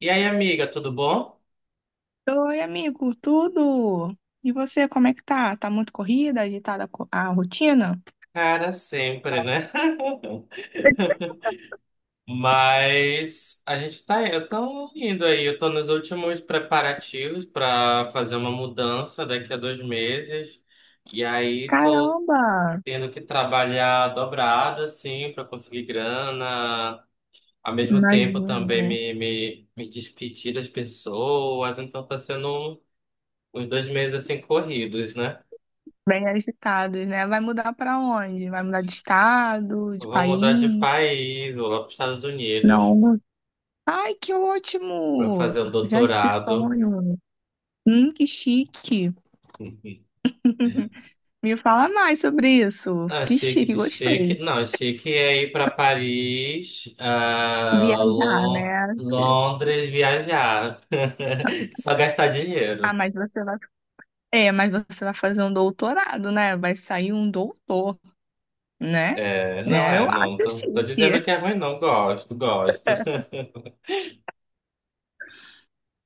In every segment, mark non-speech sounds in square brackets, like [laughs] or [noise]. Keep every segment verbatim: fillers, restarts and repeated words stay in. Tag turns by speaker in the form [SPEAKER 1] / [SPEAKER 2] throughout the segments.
[SPEAKER 1] E aí, amiga, tudo bom?
[SPEAKER 2] Oi, amigo, tudo? E você, como é que tá? Tá muito corrida, agitada co- a rotina?
[SPEAKER 1] Cara, sempre, né? [laughs] Mas a gente tá, eu tô indo aí, eu tô nos últimos preparativos para fazer uma mudança daqui a dois meses. E aí tô
[SPEAKER 2] Caramba,
[SPEAKER 1] tendo que trabalhar dobrado, assim, para conseguir grana. Ao mesmo tempo
[SPEAKER 2] imagino.
[SPEAKER 1] também me, me, me despedir das pessoas. Então tá sendo uns dois meses assim corridos, né?
[SPEAKER 2] Bem agitados, né? Vai mudar pra onde? Vai mudar de estado, de
[SPEAKER 1] Eu vou mudar de
[SPEAKER 2] país?
[SPEAKER 1] país, vou lá para os Estados Unidos
[SPEAKER 2] Não. Ai, que
[SPEAKER 1] para
[SPEAKER 2] ótimo!
[SPEAKER 1] fazer um
[SPEAKER 2] Gente, que
[SPEAKER 1] doutorado.
[SPEAKER 2] sonho! Hum, que chique! Me fala mais sobre isso.
[SPEAKER 1] Ah,
[SPEAKER 2] Que
[SPEAKER 1] achei que
[SPEAKER 2] chique,
[SPEAKER 1] de chique.
[SPEAKER 2] gostei.
[SPEAKER 1] Não, achei é ir para Paris, ah,
[SPEAKER 2] Viajar,
[SPEAKER 1] Lon-
[SPEAKER 2] né?
[SPEAKER 1] Londres, viajar. [laughs] Só gastar
[SPEAKER 2] Ah,
[SPEAKER 1] dinheiro.
[SPEAKER 2] mas você vai. É, mas você vai fazer um doutorado, né? Vai sair um doutor. Né?
[SPEAKER 1] É, não
[SPEAKER 2] Né? Eu
[SPEAKER 1] é, não
[SPEAKER 2] acho
[SPEAKER 1] tô, tô
[SPEAKER 2] chique.
[SPEAKER 1] dizendo que é ruim, não. Gosto, gosto. [laughs]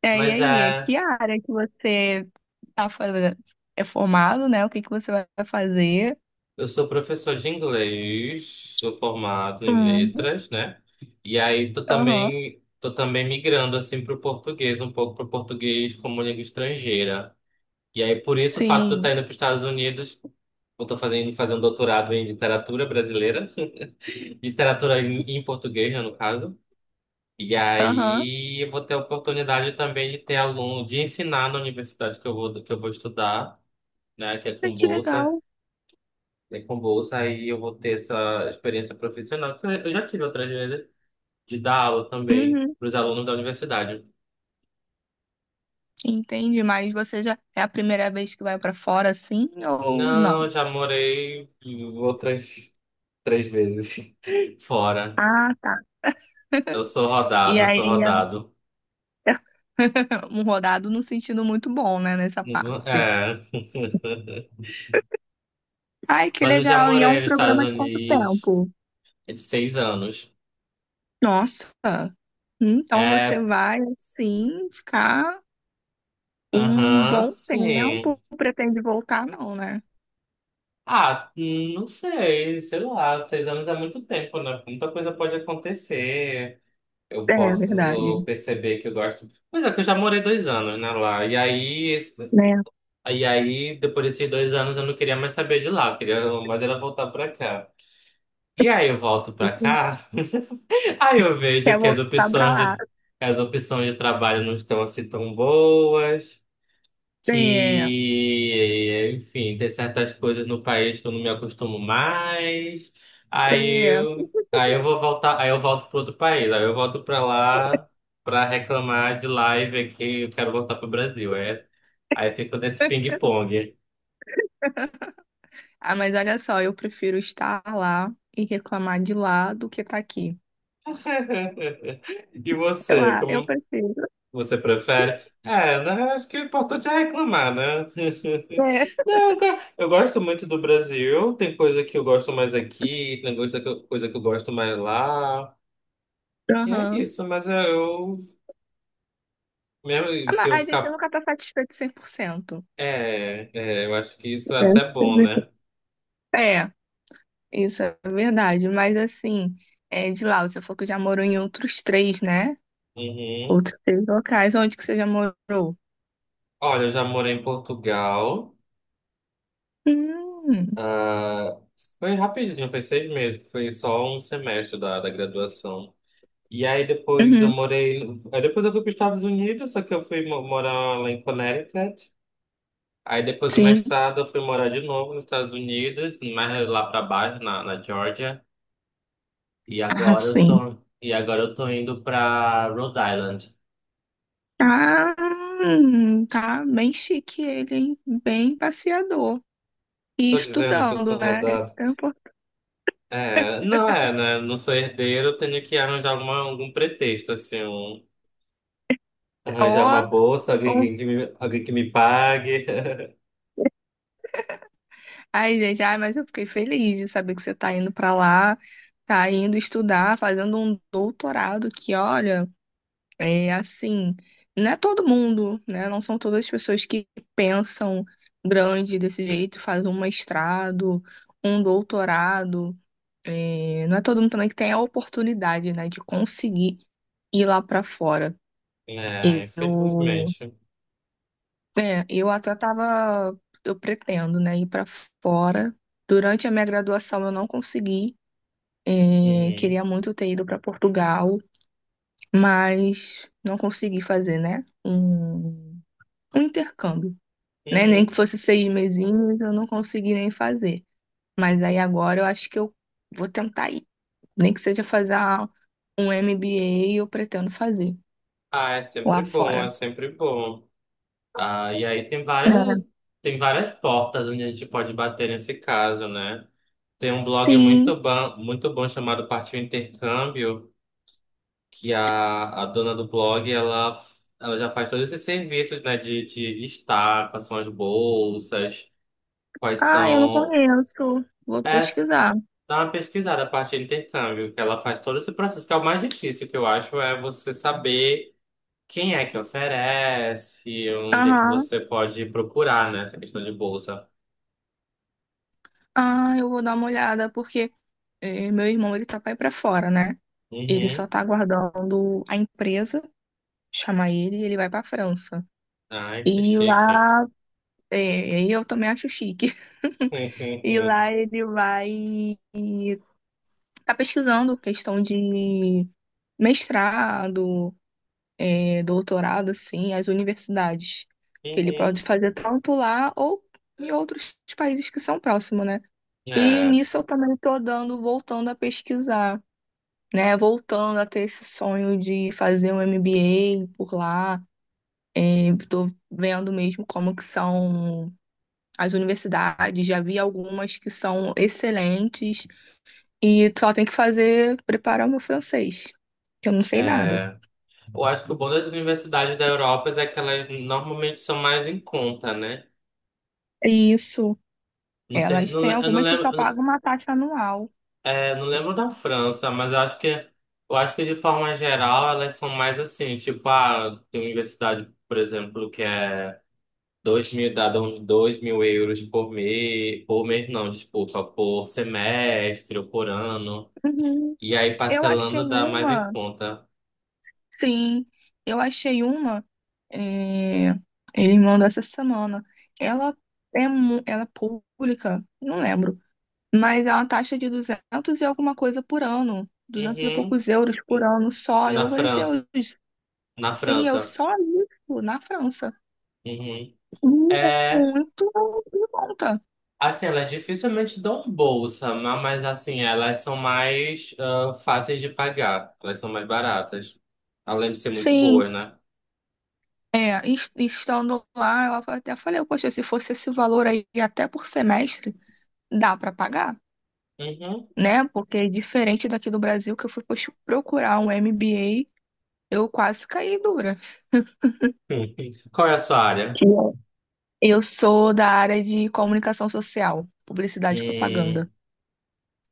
[SPEAKER 2] É, e
[SPEAKER 1] Mas
[SPEAKER 2] aí,
[SPEAKER 1] é,
[SPEAKER 2] que área que você tá fazendo? É formado, né? O que que você vai fazer?
[SPEAKER 1] eu sou professor de inglês, sou formado em
[SPEAKER 2] Hum,
[SPEAKER 1] letras, né? E aí tô
[SPEAKER 2] Aham,
[SPEAKER 1] também, tô também migrando assim para o português, um pouco para o português como língua estrangeira. E aí, por isso, o fato de eu
[SPEAKER 2] sim,
[SPEAKER 1] estar indo para os Estados Unidos, eu estou fazendo, fazer um doutorado em literatura brasileira, [laughs] literatura em, em português, né, no caso. E
[SPEAKER 2] aham.
[SPEAKER 1] aí, eu vou ter a oportunidade também de ter aluno, de ensinar na universidade que eu vou, que eu vou estudar, né, que é
[SPEAKER 2] Ai,
[SPEAKER 1] com
[SPEAKER 2] que
[SPEAKER 1] bolsa.
[SPEAKER 2] legal.
[SPEAKER 1] É com bolsa, aí eu vou ter essa experiência profissional, que eu eu já tive outras vezes, de dar aula também
[SPEAKER 2] Uhum,
[SPEAKER 1] para os alunos da universidade.
[SPEAKER 2] entendi, mas você já é a primeira vez que vai pra fora assim ou
[SPEAKER 1] Não, eu
[SPEAKER 2] não?
[SPEAKER 1] já morei outras três vezes [laughs] fora.
[SPEAKER 2] Ah, tá.
[SPEAKER 1] Eu sou
[SPEAKER 2] E
[SPEAKER 1] rodado, eu sou
[SPEAKER 2] aí,
[SPEAKER 1] rodado.
[SPEAKER 2] [laughs] um rodado num sentido muito bom, né, nessa parte.
[SPEAKER 1] É. [laughs]
[SPEAKER 2] Ai, que
[SPEAKER 1] Mas eu já
[SPEAKER 2] legal. E é
[SPEAKER 1] morei
[SPEAKER 2] um
[SPEAKER 1] nos Estados
[SPEAKER 2] programa de quanto
[SPEAKER 1] Unidos,
[SPEAKER 2] tempo?
[SPEAKER 1] é de seis anos.
[SPEAKER 2] Nossa. Então você
[SPEAKER 1] É,
[SPEAKER 2] vai, assim, ficar um
[SPEAKER 1] aham,
[SPEAKER 2] bom
[SPEAKER 1] sim.
[SPEAKER 2] tempo, pretende voltar, não, né?
[SPEAKER 1] Ah, hum, não sei, sei lá, seis anos é muito tempo, né? Muita coisa pode acontecer. Eu
[SPEAKER 2] É verdade,
[SPEAKER 1] posso perceber que eu gosto. Pois é, que eu já morei dois anos, né, lá. E aí, esse-
[SPEAKER 2] né?
[SPEAKER 1] e aí, depois desses dois anos, eu não queria mais saber de lá, eu queria mais era voltar pra cá. E aí eu volto pra cá. Aí eu vejo
[SPEAKER 2] Quer
[SPEAKER 1] que as
[SPEAKER 2] voltar pra
[SPEAKER 1] opções
[SPEAKER 2] lá.
[SPEAKER 1] de, as opções de trabalho não estão assim tão boas,
[SPEAKER 2] É,
[SPEAKER 1] que, enfim, tem certas coisas no país que eu não me acostumo mais. Aí
[SPEAKER 2] é.
[SPEAKER 1] eu, aí eu vou voltar, aí eu volto para outro país, aí eu volto para lá para reclamar de lá e ver que eu quero voltar para o Brasil. Aí, aí fico nesse ping-pong.
[SPEAKER 2] Ah, mas olha só, eu prefiro estar lá e reclamar de lá do que estar aqui.
[SPEAKER 1] [laughs] E
[SPEAKER 2] Eu,
[SPEAKER 1] você,
[SPEAKER 2] ah, eu
[SPEAKER 1] como
[SPEAKER 2] prefiro.
[SPEAKER 1] Você prefere? É, né, acho que o importante é reclamar, né?
[SPEAKER 2] É.
[SPEAKER 1] [laughs] Não, eu go- eu gosto muito do Brasil. Tem coisa que eu gosto mais aqui, tem coisa que eu, coisa que eu gosto mais lá. E é
[SPEAKER 2] Aham.
[SPEAKER 1] isso, mas eu, eu- mesmo
[SPEAKER 2] Ah,
[SPEAKER 1] se
[SPEAKER 2] mas
[SPEAKER 1] eu
[SPEAKER 2] a gente
[SPEAKER 1] ficar.
[SPEAKER 2] nunca tá satisfeito cem por cento.
[SPEAKER 1] É, é, eu acho que isso é
[SPEAKER 2] É,
[SPEAKER 1] até bom, né?
[SPEAKER 2] é, isso é verdade. Mas assim, é, de lá, você falou que já morou em outros três, né?
[SPEAKER 1] Uhum.
[SPEAKER 2] Outros três locais. Onde que você já morou?
[SPEAKER 1] Olha, eu já morei em Portugal.
[SPEAKER 2] Hum,
[SPEAKER 1] Ah, foi rapidinho, foi seis meses, foi só um semestre da, da graduação. E aí depois eu
[SPEAKER 2] uhum,
[SPEAKER 1] morei. No- Aí depois eu fui para os Estados Unidos, só que eu fui mo- morar lá em Connecticut. Aí depois do
[SPEAKER 2] sim.
[SPEAKER 1] mestrado eu fui morar de novo nos Estados Unidos, mais lá para baixo, na, na Georgia. E
[SPEAKER 2] Ah,
[SPEAKER 1] agora eu
[SPEAKER 2] sim.
[SPEAKER 1] tô, e agora eu tô indo para Rhode Island.
[SPEAKER 2] Ah, hum, tá bem chique ele, hein? Bem passeador. E
[SPEAKER 1] Tô dizendo que eu sou
[SPEAKER 2] estudando, né?
[SPEAKER 1] rodado.
[SPEAKER 2] Esse tempo.
[SPEAKER 1] É, não é, né? Não sou herdeiro, eu tenho que arranjar alguma, algum pretexto, assim, um- arranjar uma
[SPEAKER 2] Ó,
[SPEAKER 1] bolsa, alguém,
[SPEAKER 2] ó.
[SPEAKER 1] que que me, alguém que me pague. [laughs]
[SPEAKER 2] Ai, gente, ai, mas eu fiquei feliz de saber que você tá indo pra lá, tá indo estudar, fazendo um doutorado que, olha. É assim, não é todo mundo, né? Não são todas as pessoas que pensam grande desse jeito, fazem um mestrado, um doutorado. É, não é todo mundo também que tem a oportunidade, né, de conseguir ir lá para fora.
[SPEAKER 1] É,
[SPEAKER 2] Eu,
[SPEAKER 1] infelizmente.
[SPEAKER 2] é, eu até tava, eu pretendo, né, ir para fora. Durante a minha graduação eu não consegui. É,
[SPEAKER 1] Uhum.
[SPEAKER 2] queria muito ter ido para Portugal, mas não consegui fazer, né? Um um intercâmbio, né? Nem que
[SPEAKER 1] Uhum.
[SPEAKER 2] fosse seis mesinhos, eu não consegui nem fazer. Mas aí agora eu acho que eu vou tentar ir. Nem que seja fazer um M B A, eu pretendo fazer
[SPEAKER 1] Ah, é sempre
[SPEAKER 2] lá
[SPEAKER 1] bom, é
[SPEAKER 2] fora.
[SPEAKER 1] sempre bom. Ah, e aí tem várias,
[SPEAKER 2] É.
[SPEAKER 1] tem várias portas onde a gente pode bater nesse caso, né? Tem um blog
[SPEAKER 2] Sim.
[SPEAKER 1] muito bom, muito bom chamado Partiu Intercâmbio, que a, a dona do blog, ela, ela já faz todos esses serviços, né? De, de listar quais são as bolsas, quais
[SPEAKER 2] Ah, eu não
[SPEAKER 1] são...
[SPEAKER 2] conheço. Vou
[SPEAKER 1] É,
[SPEAKER 2] pesquisar.
[SPEAKER 1] dá uma pesquisada, Partiu Intercâmbio, que ela faz todo esse processo, que é o mais difícil, que eu acho, é você saber quem é que oferece. Onde é que
[SPEAKER 2] Aham.
[SPEAKER 1] você pode procurar, né? Essa questão de bolsa.
[SPEAKER 2] Ah, eu vou dar uma olhada, porque eh, meu irmão, ele tá pra ir pra fora, né? Ele só
[SPEAKER 1] Uhum.
[SPEAKER 2] tá aguardando a empresa chamar ele e ele vai pra França.
[SPEAKER 1] Ai, que
[SPEAKER 2] E
[SPEAKER 1] chique.
[SPEAKER 2] lá, é, eu também acho chique. [laughs] E
[SPEAKER 1] [laughs]
[SPEAKER 2] lá ele vai tá pesquisando questão de mestrado, é, doutorado, assim, as universidades, que ele pode
[SPEAKER 1] Uhum.
[SPEAKER 2] fazer tanto lá ou em outros países que são próximos, né? E
[SPEAKER 1] É,
[SPEAKER 2] nisso eu também tô dando, voltando a pesquisar, né? Voltando a ter esse sonho de fazer um M B A por lá. Estou vendo mesmo como que são as universidades, já vi algumas que são excelentes e só tem que fazer preparar o meu francês, que eu não sei nada.
[SPEAKER 1] é. Eu acho que o bom das universidades da Europa é que elas normalmente são mais em conta, né?
[SPEAKER 2] É isso.
[SPEAKER 1] Não sei,
[SPEAKER 2] Elas
[SPEAKER 1] não
[SPEAKER 2] têm
[SPEAKER 1] le- eu não
[SPEAKER 2] algumas que
[SPEAKER 1] lembro,
[SPEAKER 2] só
[SPEAKER 1] eu não
[SPEAKER 2] pagam uma taxa anual.
[SPEAKER 1] é, não lembro da França, mas eu acho que eu acho que de forma geral elas são mais assim, tipo, ah, tem universidade, por exemplo, que é Dois mil, dá uns dois mil euros por mês, por mês não, desculpa, por semestre ou por ano.
[SPEAKER 2] Uhum.
[SPEAKER 1] E aí
[SPEAKER 2] Eu achei
[SPEAKER 1] parcelando dá mais em
[SPEAKER 2] uma,
[SPEAKER 1] conta.
[SPEAKER 2] sim, eu achei uma, é, ele mandou essa semana. Ela é, mu- ela é pública, não lembro, mas é uma taxa de duzentos e alguma coisa por ano, duzentos e
[SPEAKER 1] Uhum.
[SPEAKER 2] poucos euros por ano só.
[SPEAKER 1] Na
[SPEAKER 2] Eu falei assim,
[SPEAKER 1] França.
[SPEAKER 2] "Ô,
[SPEAKER 1] Na
[SPEAKER 2] sim, eu
[SPEAKER 1] França.
[SPEAKER 2] só isso na França.
[SPEAKER 1] Uhum. É,
[SPEAKER 2] Muito em conta.
[SPEAKER 1] assim, elas dificilmente dão bolsa, ma- mas assim, elas são mais ah, fáceis de pagar. Elas são mais baratas. Além de ser muito
[SPEAKER 2] Sim,
[SPEAKER 1] boas, né?
[SPEAKER 2] é, es- estando lá, eu até falei, poxa, se fosse esse valor aí até por semestre, dá para pagar,
[SPEAKER 1] Uhum.
[SPEAKER 2] né? Porque é diferente daqui do Brasil, que eu fui poxa, procurar um M B A, eu quase caí dura.
[SPEAKER 1] [laughs] Qual é a sua área?
[SPEAKER 2] Que eu sou da área de comunicação social, publicidade e
[SPEAKER 1] Hum,
[SPEAKER 2] propaganda.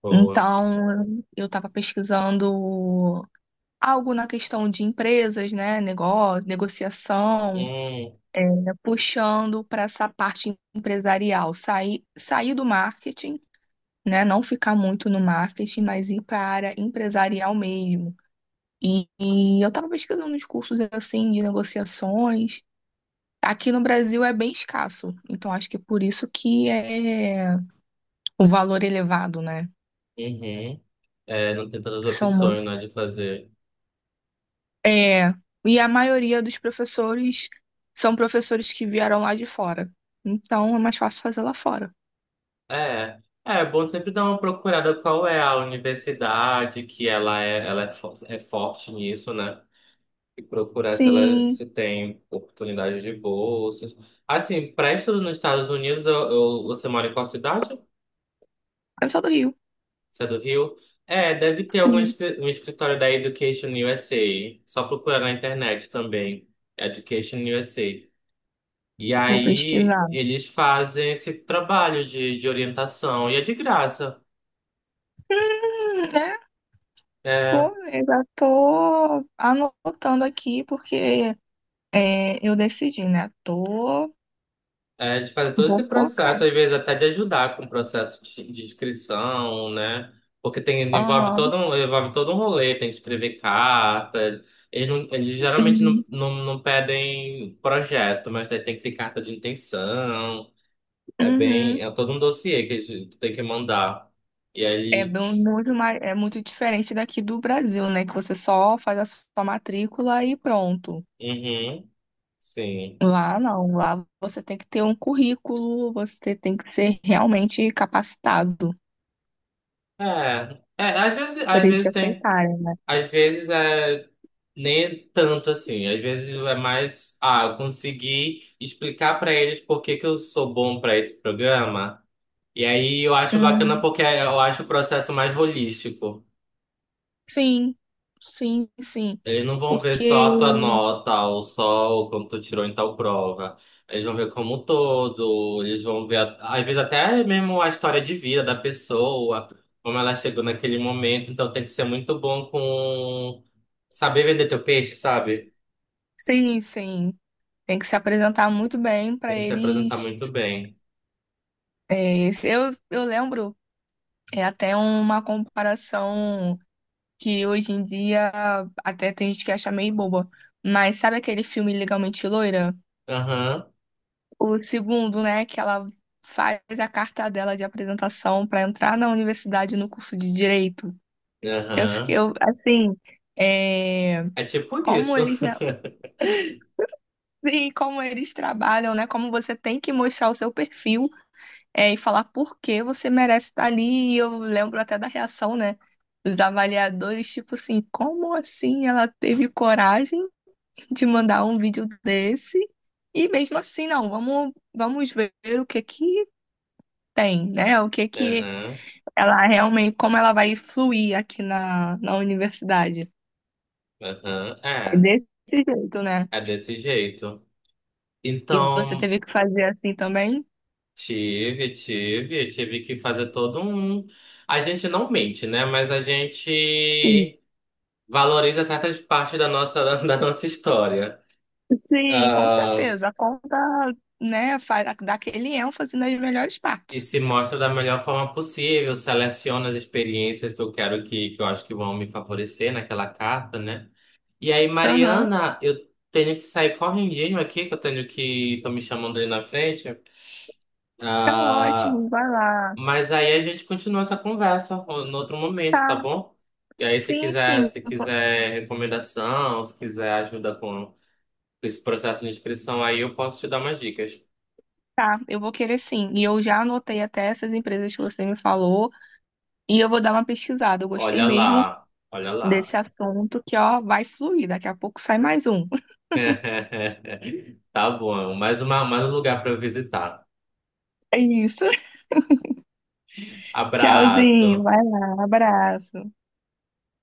[SPEAKER 1] boa.
[SPEAKER 2] Então, eu estava pesquisando algo na questão de empresas, né, negócio, negociação,
[SPEAKER 1] Hum,
[SPEAKER 2] é, puxando para essa parte empresarial, sair, sair do marketing, né, não ficar muito no marketing, mas ir para a área empresarial mesmo. E, e eu estava pesquisando uns cursos assim de negociações. Aqui no Brasil é bem escasso, então acho que é por isso que é o valor elevado, né?
[SPEAKER 1] uhum. É, não tem tantas
[SPEAKER 2] São,
[SPEAKER 1] opções, né, de fazer.
[SPEAKER 2] é, e a maioria dos professores são professores que vieram lá de fora. Então é mais fácil fazer lá fora.
[SPEAKER 1] É, é é bom sempre dar uma procurada qual é a universidade que ela é, ela é, fo- é forte nisso, né? E procurar se ela
[SPEAKER 2] Sim,
[SPEAKER 1] se tem oportunidade de bolsas. Assim, para estudo nos Estados Unidos, eu, eu- você mora em qual cidade?
[SPEAKER 2] eu sou do Rio.
[SPEAKER 1] Você é do Rio? É, deve ter algum
[SPEAKER 2] Sim,
[SPEAKER 1] escri- um escritório da Education U S A. Só procurar na internet também. Education U S A. E
[SPEAKER 2] vou
[SPEAKER 1] aí
[SPEAKER 2] pesquisar.
[SPEAKER 1] eles fazem esse trabalho de, de orientação e é de graça.
[SPEAKER 2] Hum, né?
[SPEAKER 1] É,
[SPEAKER 2] Vou ver, já tô anotando aqui porque é, eu decidi, né? Tô,
[SPEAKER 1] é de fazer todo esse
[SPEAKER 2] vou focar.
[SPEAKER 1] processo, às vezes até de ajudar com o processo de, de inscrição, né? Porque tem, envolve
[SPEAKER 2] Aham.
[SPEAKER 1] todo um, envolve todo um rolê, tem que escrever carta. Eles, não, eles geralmente não,
[SPEAKER 2] Hum,
[SPEAKER 1] não, não pedem projeto, mas tem, tem que ter carta de intenção. É bem,
[SPEAKER 2] uhum.
[SPEAKER 1] é todo um dossiê que eles- que tem que mandar. E
[SPEAKER 2] É
[SPEAKER 1] aí,
[SPEAKER 2] bem- muito mais, é muito diferente daqui do Brasil, né? Que você só faz a sua matrícula e pronto.
[SPEAKER 1] uhum, sim.
[SPEAKER 2] Lá não, lá você tem que ter um currículo, você tem que ser realmente capacitado
[SPEAKER 1] É, é, às vezes,
[SPEAKER 2] para
[SPEAKER 1] às
[SPEAKER 2] eles te
[SPEAKER 1] vezes tem,
[SPEAKER 2] aceitarem, né?
[SPEAKER 1] às vezes é nem tanto assim, às vezes é mais, ah, eu consegui explicar pra eles por que que eu sou bom pra esse programa, e aí eu acho bacana
[SPEAKER 2] Hum,
[SPEAKER 1] porque eu acho o processo mais holístico.
[SPEAKER 2] sim, sim, sim.
[SPEAKER 1] Eles não vão ver
[SPEAKER 2] Porque,
[SPEAKER 1] só a tua nota ou só o quanto tu tirou em tal prova. Eles vão ver como um todo, eles vão ver, a- às vezes, até mesmo a história de vida da pessoa, como ela chegou naquele momento. Então tem que ser muito bom com saber vender teu peixe, sabe?
[SPEAKER 2] sim, sim, tem que se apresentar muito bem para
[SPEAKER 1] Tem que se apresentar
[SPEAKER 2] eles.
[SPEAKER 1] muito bem.
[SPEAKER 2] É, se eu, eu lembro, é até uma comparação que hoje em dia até tem gente que acha meio boba. Mas sabe aquele filme Legalmente Loira?
[SPEAKER 1] Aham,
[SPEAKER 2] O segundo, né, que ela faz a carta dela de apresentação para entrar na universidade no curso de direito. Eu
[SPEAKER 1] aham.
[SPEAKER 2] fiquei, eu, assim, é,
[SPEAKER 1] É tipo
[SPEAKER 2] como
[SPEAKER 1] isso.
[SPEAKER 2] eles já-
[SPEAKER 1] [laughs]
[SPEAKER 2] sim, como eles trabalham, né? Como você tem que mostrar o seu perfil, é, e falar por que você merece estar ali. E eu lembro até da reação, né? Dos avaliadores, tipo assim, como assim ela teve coragem de mandar um vídeo desse? E mesmo assim, não, vamos, vamos ver o que que tem, né? O que que
[SPEAKER 1] Aham,
[SPEAKER 2] ela realmente, como ela vai fluir aqui na, na universidade.
[SPEAKER 1] aham.
[SPEAKER 2] É
[SPEAKER 1] É,
[SPEAKER 2] desse jeito, né?
[SPEAKER 1] é desse jeito.
[SPEAKER 2] E você
[SPEAKER 1] Então.
[SPEAKER 2] teve que fazer assim também?
[SPEAKER 1] Tive, tive, tive que fazer todo um. A gente não mente, né? Mas a
[SPEAKER 2] Sim,
[SPEAKER 1] gente valoriza certas partes da nossa, [laughs] da nossa história.
[SPEAKER 2] sim, com
[SPEAKER 1] Ah,
[SPEAKER 2] certeza. A conta, né, faz, dá aquele ênfase nas melhores
[SPEAKER 1] e
[SPEAKER 2] partes.
[SPEAKER 1] se mostra da melhor forma possível, seleciona as experiências que eu quero que, que eu acho que vão me favorecer naquela carta, né? E aí,
[SPEAKER 2] Aham.
[SPEAKER 1] Mariana, eu tenho que sair correndinho aqui, que eu tenho que. Estão me chamando ali na frente.
[SPEAKER 2] Tá
[SPEAKER 1] Ah,
[SPEAKER 2] ótimo, vai lá.
[SPEAKER 1] mas aí a gente continua essa conversa ó, no outro momento, tá
[SPEAKER 2] Tá.
[SPEAKER 1] bom? E aí se
[SPEAKER 2] Sim,
[SPEAKER 1] quiser,
[SPEAKER 2] sim.
[SPEAKER 1] se quiser recomendação, se quiser ajuda com esse processo de inscrição, aí eu posso te dar umas dicas.
[SPEAKER 2] Tá, eu vou querer sim. E eu já anotei até essas empresas que você me falou. E eu vou dar uma pesquisada. Eu gostei
[SPEAKER 1] Olha
[SPEAKER 2] mesmo
[SPEAKER 1] lá, olha
[SPEAKER 2] desse
[SPEAKER 1] lá.
[SPEAKER 2] assunto que, ó, vai fluir. Daqui a pouco sai mais um.
[SPEAKER 1] [laughs] Tá bom, mais uma, mais um lugar para eu visitar.
[SPEAKER 2] É isso. [laughs] Tchauzinho.
[SPEAKER 1] Abraço.
[SPEAKER 2] Vai lá. Abraço.